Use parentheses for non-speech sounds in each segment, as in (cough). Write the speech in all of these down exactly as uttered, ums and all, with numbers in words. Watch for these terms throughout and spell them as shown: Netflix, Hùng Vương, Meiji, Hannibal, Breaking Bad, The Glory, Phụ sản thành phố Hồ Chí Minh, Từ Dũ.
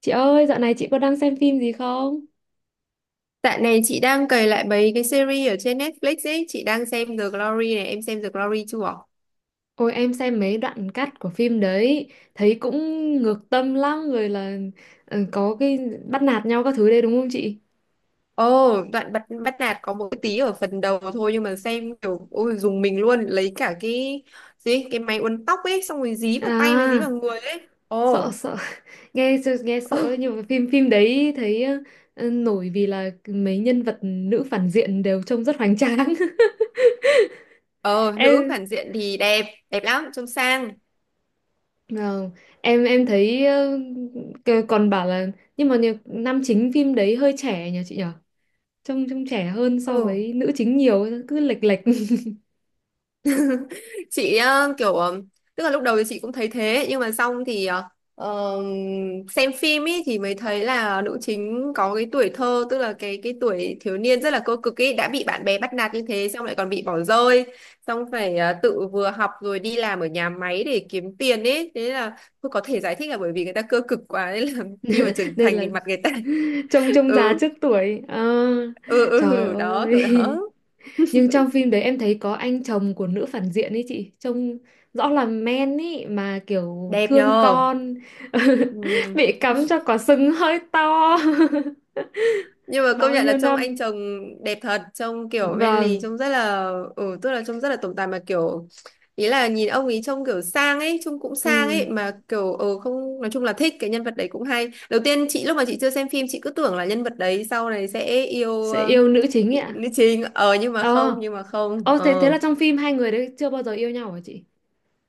Chị ơi, dạo này chị có đang xem phim gì không? Dạo này chị đang cày lại mấy cái series ở trên Netflix ấy, chị đang xem The Glory này, em xem The Glory chưa? Ôi em xem mấy đoạn cắt của phim đấy, thấy cũng ngược tâm lắm rồi là ờ, có cái bắt nạt nhau các thứ đấy đúng không chị? Ồ, đoạn bắt bắt nạt có một cái tí ở phần đầu thôi nhưng mà xem kiểu ôi dùng mình luôn, lấy cả cái gì cái máy uốn tóc ấy xong rồi dí vào tay với dí vào À, người ấy. sợ Ồ, sợ (laughs) nghe nghe sợ ấy, (laughs) nhưng mà phim phim đấy thấy ờ, nổi vì là mấy nhân vật nữ phản diện đều trông rất hoành tráng. (laughs) ờ nữ Em phản diện thì đẹp, đẹp lắm, trông sang. vâng, em em thấy ờ, còn bảo là nhưng mà nhờ- nam chính phim đấy hơi trẻ nhỉ chị nhỉ? Trông trông trẻ hơn so Ừ. với nữ chính nhiều, cứ lệch lệch. (laughs) chị ờ, kiểu ờ, tức là lúc đầu thì chị cũng thấy thế nhưng mà xong thì ờ, ờ, xem phim ý thì mới thấy là nữ chính có cái tuổi thơ tức là cái cái tuổi thiếu niên rất là cơ cực ý, đã bị bạn bè bắt nạt như thế, xong lại còn bị bỏ rơi, xong phải ờ, tự vừa học rồi đi làm ở nhà máy để kiếm tiền ý. Thế là tôi có thể giải thích là bởi vì người ta cơ cực quá nên là (laughs) khi mà trưởng Nên thành là thì mặt người ta trông (laughs) trông già ừ trước tuổi. Ờ, ừ trời ừ đó, kiểu ơi. đó. (laughs) Nhưng trong phim đấy em thấy có anh chồng của nữ phản diện ấy chị, trông rõ là men ấy mà kiểu Đẹp thương nhờ. con. (laughs) Ừ, Bị cắm cho quả sừng hơi to nhưng (laughs) mà công bao nhận là nhiêu trông anh năm. chồng đẹp thật, trông kiểu men lì, Vâng. trông rất là ừ, tức là trông rất là tổng tài mà kiểu ý là nhìn ông ấy trông kiểu sang ấy, trông cũng sang Ừ, ấy mà kiểu ừ không, nói chung là thích cái nhân vật đấy cũng hay. Đầu tiên chị lúc mà chị chưa xem phim, chị cứ tưởng là nhân vật đấy sau này sẽ yêu, sẽ ờ, yêu nữ chính ấy ạ. nữ chính, ờ nhưng mà Ờ, không, nhưng mà không ờ, thế thế ờ là trong phim hai người đấy chưa bao giờ yêu nhau hả chị?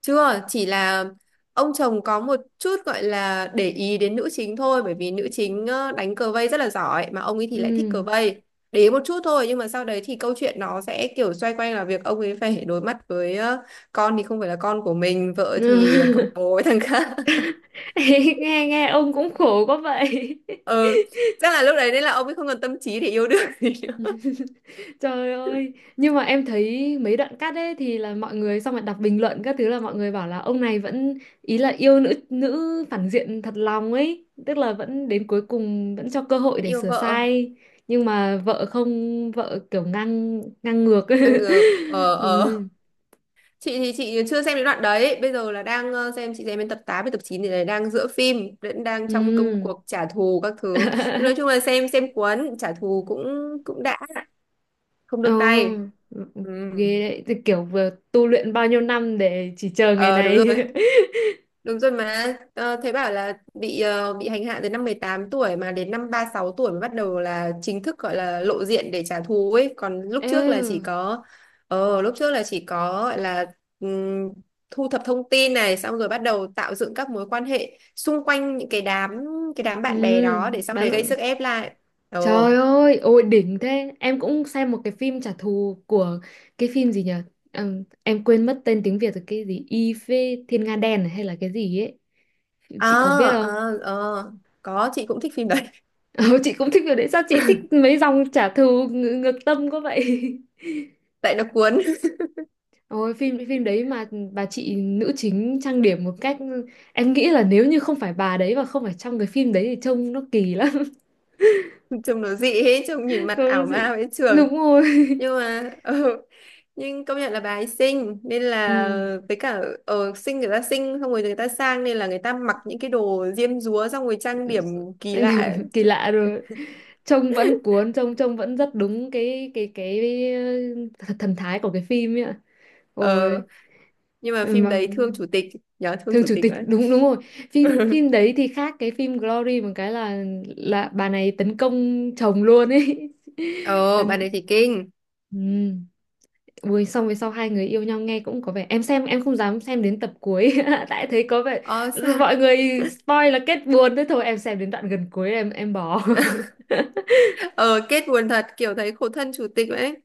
Chưa, chỉ là ông chồng có một chút gọi là để ý đến nữ chính thôi, bởi vì nữ chính ờ, đánh cờ vây rất là giỏi mà ông ấy thì lại thích Ừ. cờ vây. Để ý một chút thôi nhưng mà sau đấy thì câu chuyện nó sẽ kiểu xoay quanh là việc ông ấy phải đối mặt với ờ, con thì không phải là con của mình, vợ thì cặp (laughs) bồ với thằng khác. (laughs) (laughs) nghe nghe ông cũng khổ quá vậy. Ừ, chắc là lúc đấy nên là ông ấy không còn tâm trí để yêu đương gì nữa. (laughs) Trời ơi, nhưng mà em thấy mấy đoạn cắt ấy thì là mọi người xong rồi đọc bình luận các thứ, là mọi người bảo là ông này vẫn, ý là yêu nữ nữ phản diện thật lòng ấy, tức là vẫn đến cuối cùng vẫn cho cơ hội Vẫn để yêu sửa vợ, sai, nhưng mà vợ không, vợ kiểu ngang, ngang ngược. ngang ngược. Ờ (laughs) Ừ. ờ. chị thì chị chưa xem đến đoạn đấy, bây giờ là đang ờ, xem, chị xem đến tập tám với tập chín thì là đang giữa phim, vẫn đang trong công Ừ. cuộc trả thù các thứ, nhưng nói chung (laughs) là xem xem cuốn, trả thù cũng cũng đã, không Ồ, nương tay. Ừ. ghê đấy, thì kiểu vừa tu luyện bao nhiêu năm để chỉ chờ ngày Ờ đúng rồi. này. (laughs) Đúng rồi mà ờ, thế bảo là bị ờ, bị hành hạ từ năm mười tám tuổi mà đến năm ba sáu tuổi mới bắt đầu là chính thức gọi là lộ diện để trả thù ấy, còn lúc trước là chỉ Ê, có ờ lúc trước là chỉ có gọi là ừm, thu thập thông tin này xong rồi bắt đầu tạo dựng các mối quan hệ xung quanh những cái đám cái đám bạn bè ừ, đó để sau bán này gây bạn. sức ép lại. ờ Trời ơi, ôi đỉnh thế. Em cũng xem một cái phim trả thù của cái phim gì nhỉ. Ừm, em quên mất tên tiếng Việt rồi, cái gì y phê thiên nga đen à, hay là cái gì ấy, ờ chị có biết không? ờ ờ Có, chị cũng thích phim đấy. (laughs) (laughs) Ờ, chị cũng thích phim đấy. Sao chị thích mấy dòng trả thù ng ngược tâm có vậy. (laughs) Tại nó cuốn. Ôi phim phim đấy mà bà chị nữ chính trang điểm một cách, em nghĩ là nếu như không phải bà đấy và không phải trong cái phim đấy thì trông nó kỳ lắm. (laughs) Trông nó dị ấy, trông nhìn (laughs) Đúng mặt ảo ma rồi, với trường, đúng rồi. nhưng mà (laughs) ừ, nhưng công nhận là bà ấy xinh nên (laughs) là, Ừ. với cả ở xinh, người ta xinh xong rồi người ta sang nên là người ta mặc những cái đồ diêm dúa xong rồi trang điểm kỳ Chắc lạ là ấy. (laughs) kỳ lạ rồi. Trông vẫn cuốn, trông trông vẫn rất đúng cái cái cái, cái thần thái của cái phim ấy ạ. Ôi Ờ, nhưng mà phim mà đấy thương chủ tịch, nhớ thương Thường chủ chủ tịch tịch, đấy. đúng đúng rồi. phim (laughs) phim đấy thì khác cái phim Glory một cái là là bà này tấn công chồng luôn ấy. (laughs) Ờ bạn Tấn ấy thì kinh. ừ. Ui, xong về sau hai người yêu nhau, nghe cũng có vẻ. Em xem em không dám xem đến tập cuối (laughs) tại thấy có vẻ Ờ sao? mọi người spoil là kết buồn, thế thôi em xem đến đoạn gần cuối em em bỏ. (laughs) (laughs) Ờ kết buồn thật, kiểu thấy khổ thân chủ tịch đấy,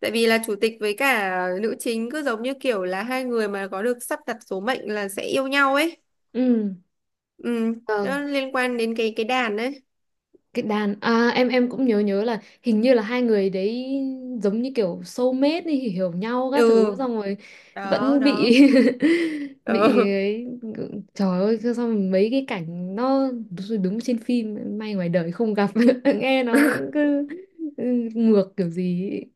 tại vì là chủ tịch với cả nữ chính cứ giống như kiểu là hai người mà có được sắp đặt số mệnh là sẽ yêu nhau ấy. Ừ, Ừ, vâng, nó liên quan đến cái cái đàn ấy. cái đàn à, em em cũng nhớ nhớ là hình như là hai người đấy giống như kiểu soulmate đi, hiểu nhau các Ừ, thứ xong rồi đó vẫn đó. bị (laughs) bị Ừ. ấy. Trời ơi, sao sao mình mấy cái cảnh nó đúng, đúng trên phim, may ngoài đời không gặp. (laughs) Nghe nó (laughs) cứ ừ, ngược kiểu gì ấy.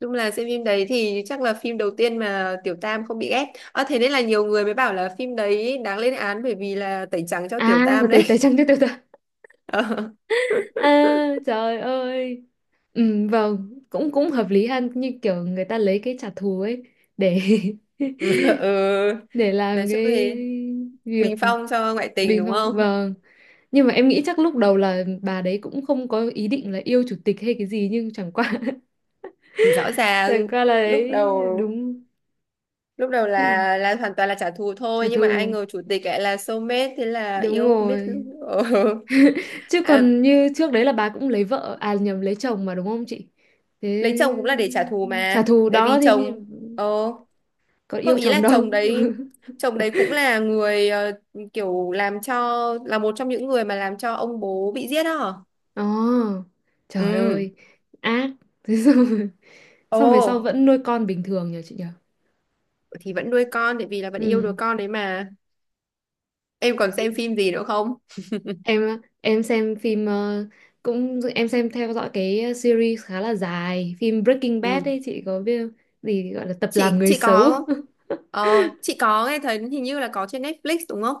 Chung là xem phim đấy thì chắc là phim đầu tiên mà Tiểu Tam không bị ghét, à thế nên là nhiều người mới bảo là phim đấy đáng lên án bởi vì là tẩy trắng cho Tiểu À, Tam đấy. tay tay (laughs) trắng, tay tay tay. Ờ. (laughs) À, trời ơi. Ừ, vâng, cũng cũng hợp lý ha, như kiểu người ta lấy cái trả thù ấy để (laughs) (laughs) Ừ, để nói làm chung cái thì việc bình phong cho ngoại tình bình đúng phong. không. Vâng, nhưng mà em nghĩ chắc lúc đầu là bà đấy cũng không có ý định là yêu chủ tịch hay cái gì, nhưng chẳng qua (laughs) Thì rõ ràng chẳng qua là lúc đấy đầu đúng. lúc đầu chứ- là là hoàn toàn là trả thù trả thôi, nhưng mà ai thù, ngờ chủ tịch lại là soulmate, thế là đúng yêu không biết lúc- rồi. (laughs) ờ. Chứ À, còn như trước đấy là bà cũng lấy vợ, à nhầm, lấy chồng mà đúng không chị? Thế lấy chồng cũng là để trả thù trả mà, thù tại đó vì thì như- chồng, ờ có không, yêu ý là chồng đâu. chồng đấy, (laughs) chồng đấy cũng là người, ờ, kiểu làm cho là một trong những người mà làm cho ông bố bị giết đó hả? Ồ, trời Ừ. ơi, ác. (laughs) Thế xong, Ồ xong về sau vẫn nuôi con bình thường nhờ chị nhờ. thì vẫn nuôi con tại vì là vẫn yêu đứa con đấy mà. Em còn Ừ. xem phim gì nữa không? em em xem phim ờ, cũng em xem theo dõi cái series khá là dài, phim Breaking Ừ, Bad ấy chị có biết không? Gì gọi là tập làm chị người chị có xấu. không, (laughs) ờ chị có nghe thấy hình như là có trên Netflix đúng không.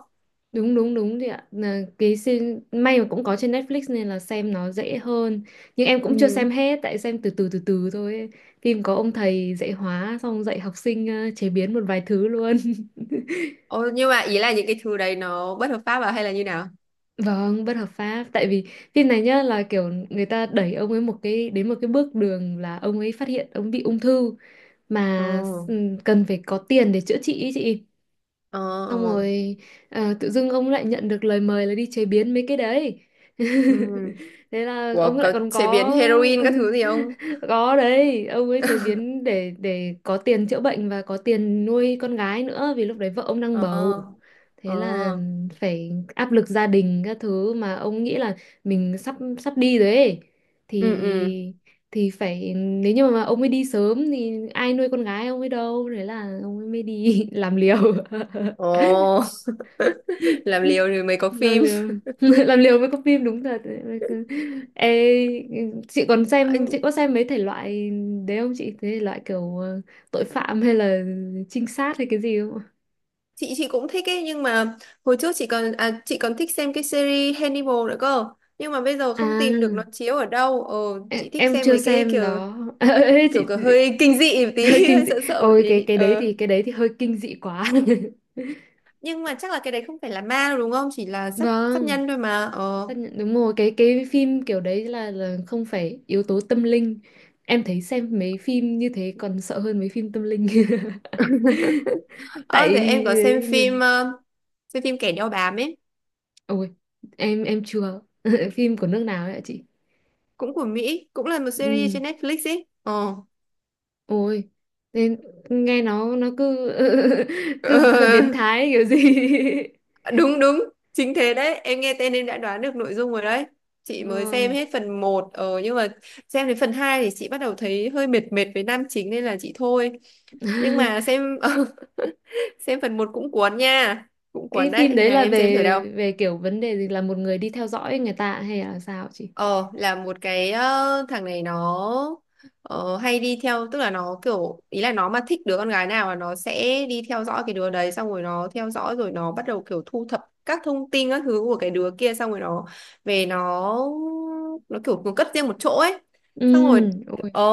Đúng đúng đúng chị ạ, là cái series, may mà cũng có trên Netflix nên là xem nó dễ hơn, nhưng em cũng chưa Ừ. xem hết tại xem từ từ từ từ thôi ấy. Phim có ông thầy dạy hóa xong dạy học sinh ờ, chế biến một vài thứ luôn. Ồ nhưng mà ý là những cái thứ đấy nó bất hợp pháp à hay là như nào? (laughs) Vâng, bất hợp pháp, tại vì phim này nhá là kiểu người ta đẩy ông ấy một cái đến một cái bước đường là ông ấy phát hiện ông bị ung thư mà ờ s- cần phải có tiền để chữa trị ý chị. ờ Xong ờ rồi ờ, tự dưng ông lại nhận được lời mời là đi chế biến mấy cái đấy. (laughs) ừ Thế là ông Ủa, lại có còn chế có biến heroin các thứ gì không? (laughs) có đấy. Ông ấy chế (laughs) biến để để có tiền chữa bệnh và có tiền nuôi con gái nữa, vì lúc đấy vợ ông đang ờ bầu. ờ Thế là phải áp lực gia đình các thứ mà ông nghĩ là mình sắp sắp đi rồi ấy, ừ ừ thì thì phải, nếu như mà ông ấy đi sớm thì ai nuôi con gái ông ấy đâu, thế là ông ấy mới đi (laughs) làm liều. ồ (laughs) Làm liều rồi mới có Làm phim. liều (laughs) làm liều với con phim, đúng thật đấy. Ê, chị còn xem, chị Anh, có xem mấy thể loại đấy không chị, thế loại kiểu ờ, tội phạm hay là trinh sát hay cái gì không ạ? chị chị cũng thích ấy nhưng mà hồi trước chị còn à, chị còn thích xem cái series Hannibal nữa cơ, nhưng mà bây giờ không tìm được nó À chiếu ở đâu. Ờ, chị em, thích em xem chưa mấy cái xem kiểu đó. (laughs) Ê, kiểu chị, kiểu chị hơi (laughs) kinh dị một hơi tí, (laughs) kinh hơi dị. sợ sợ một Ôi tí. cái cái đấy Ờ thì cái đấy thì hơi kinh dị quá. (laughs) nhưng mà chắc là cái đấy không phải là ma đâu đúng không, chỉ là sát sát Vâng, nhân thôi mà. Ờ tất nhiên- đúng rồi, cái cái phim kiểu đấy là là không phải yếu tố tâm linh. Em thấy xem mấy phim như thế còn sợ hơn mấy phim tâm linh. (laughs) Tại ờ, thế em có xem ừ, phim ờ, xem phim kẻ đeo bám ấy, ôi em em chưa (laughs) phim của nước nào ấy ạ chị? cũng của Mỹ, cũng là một series Ừ, trên Netflix ấy. Ờ. ôi nên nghe nó nó cứ (laughs) cứ hơi biến (laughs) thái kiểu gì. Đúng đúng, chính thế đấy, em nghe tên em đã đoán được nội dung rồi đấy. (laughs) Chị mới xem Vâng. hết phần một, ờ nhưng mà xem đến phần hai thì chị bắt đầu thấy hơi mệt mệt với nam chính nên là chị thôi. Nhưng mà (laughs) xem (laughs) xem phần một cũng cuốn nha, cũng cuốn Cái đấy, phim khi đấy nào là em xem thử đâu. về về kiểu vấn đề gì, là một người đi theo dõi người ta hay là sao chị? Ờ là một cái, ờ, thằng này nó ờ, hay đi theo, tức là nó kiểu ý là nó mà thích đứa con gái nào là nó sẽ đi theo dõi cái đứa đấy, xong rồi nó theo dõi rồi nó bắt đầu kiểu thu thập các thông tin các thứ của cái đứa kia, xong rồi nó về nó nó kiểu nó cất riêng một chỗ ấy, Ừ, xong rồi ôi ờ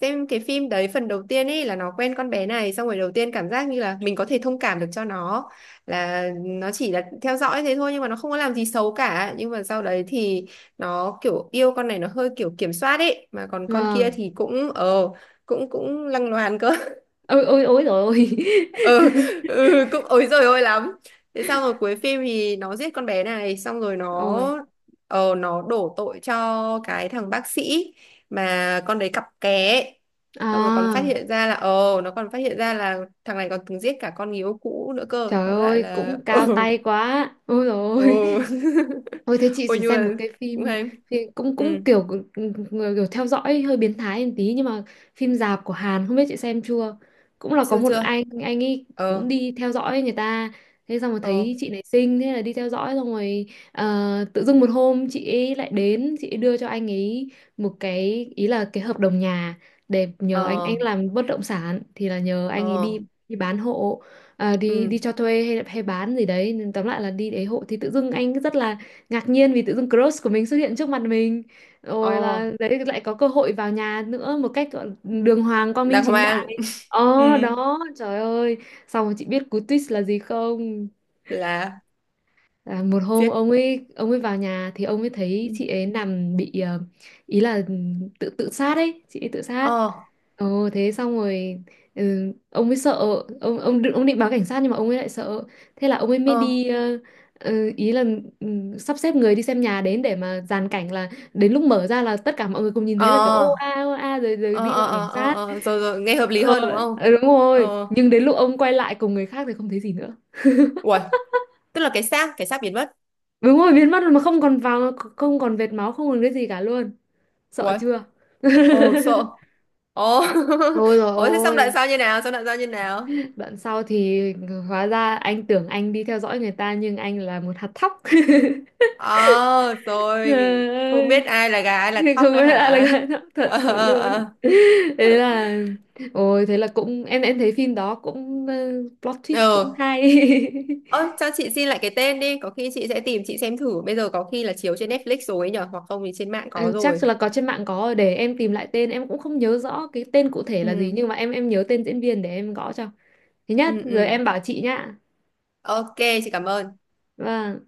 xem cái phim đấy phần đầu tiên ấy là nó quen con bé này, xong rồi đầu tiên cảm giác như là mình có thể thông cảm được cho nó, là nó chỉ là theo dõi thế thôi nhưng mà nó không có làm gì xấu cả, nhưng mà sau đấy thì nó kiểu yêu con này nó hơi kiểu kiểm soát ấy, mà còn con kia vâng. thì cũng ờ cũng cũng lăng loàn cơ. Ôi ôi ôi rồi ôi. (laughs) (laughs) Ừ, ừ cũng ối giời ơi lắm. Thế xong rồi cuối phim thì nó giết con bé này, xong rồi nó Ôi ờ nó đổ tội cho cái thằng bác sĩ mà con đấy cặp ké ấy. Xong rồi còn phát à, hiện ra là ờ nó còn phát hiện ra là thằng này còn từng giết cả con người yêu cũ nữa cơ, trời tóm lại ơi, là cũng ờ. cao tay quá. Ôi Ừ. rồi. (laughs) Ôi thế chị Ôi phải nhưng xem mà một cái cũng phim, hay. phim cũng ừ cũng kiểu, kiểu theo dõi hơi biến thái một tí nhưng mà phim dạp của Hàn không biết chị xem chưa. Cũng là có chưa một chưa anh anh ấy ờ cũng đi theo dõi người ta. Thế xong rồi ờ thấy chị này xinh thế là đi theo dõi, xong rồi ờ, tự dưng một hôm chị ấy lại đến, chị ấy đưa cho anh ấy một cái, ý là cái hợp đồng nhà để nhờ anh anh ờ làm bất động sản, thì là nhờ anh ấy ờ đi đi bán hộ, ờ, đi ừ đi cho thuê hay hay bán gì đấy, nên tóm lại là đi đấy hộ. Thì tự dưng anh rất là ngạc nhiên vì tự dưng crush của mình xuất hiện trước mặt mình, rồi ờ là đấy lại có cơ hội vào nhà nữa một cách gọi là đường hoàng quang minh Đang chính hoang. đại. (laughs) Ừ Ờ đó, trời ơi, xong rồi chị biết cú twist là gì không? là Là một hôm giết. ông ấy ông ấy vào nhà thì ông ấy Ừ. thấy chị ấy nằm bị ờ, ý là tự tự sát ấy, chị ấy tự sát. ờ Ồ thế xong rồi ừ, ông ấy sợ, ông ông định- ông định báo cảnh sát nhưng mà ông ấy lại sợ, thế là ông ấy mới ờ đi ờ, ờ, ý là ừ, sắp xếp người đi xem nhà đến để mà dàn cảnh là đến lúc mở ra là tất cả mọi người cùng nhìn thấy là kiểu ờ ô a ô a rồi rồi ờ đi ờ gọi cảnh ờ sát. ờ ờ. Rồi rồi, nghe hợp lý ờ, hơn đúng không. ờ, đúng rồi, Ờ. nhưng đến lúc ông quay lại cùng người khác thì không thấy gì nữa. (laughs) Uầy, tức là cái xác, cái xác biến mất. Đúng rồi, biến mất rồi, mà không còn vào, không còn vệt máu, không còn cái gì cả luôn. Sợ Uầy. chưa. (laughs) Ồ sợ. Ồ Ôi (laughs) rồi ồ. Thế xong đoạn ôi. sau như nào, xong đoạn sau như nào? Đoạn sau thì ừ, hóa ra anh tưởng anh đi theo dõi người ta nhưng anh là một hạt thóc. (laughs) Ờ rồi. Trời Không ơi, biết ai là gà ai là thóc không nữa biết hả. ai là gái thóc thật ờ sự ờ ờ. ờ. luôn. Thế là ôi thế là cũng em em thấy phim đó cũng ờ, plot twist cũng Ừ. hay. Ơ, (laughs) cho chị xin lại cái tên đi, có khi chị sẽ tìm chị xem thử. Bây giờ có khi là chiếu trên Netflix rồi ấy nhở, hoặc không thì trên mạng có Em chắc rồi. là có trên mạng có rồi, để em tìm lại tên, em cũng không nhớ rõ cái tên cụ thể là gì Ừ, nhưng mà em em nhớ tên diễn viên để em gõ cho. Thứ nhất ừ, rồi ừ. em bảo chị nhá. Ok, chị cảm ơn. Vâng.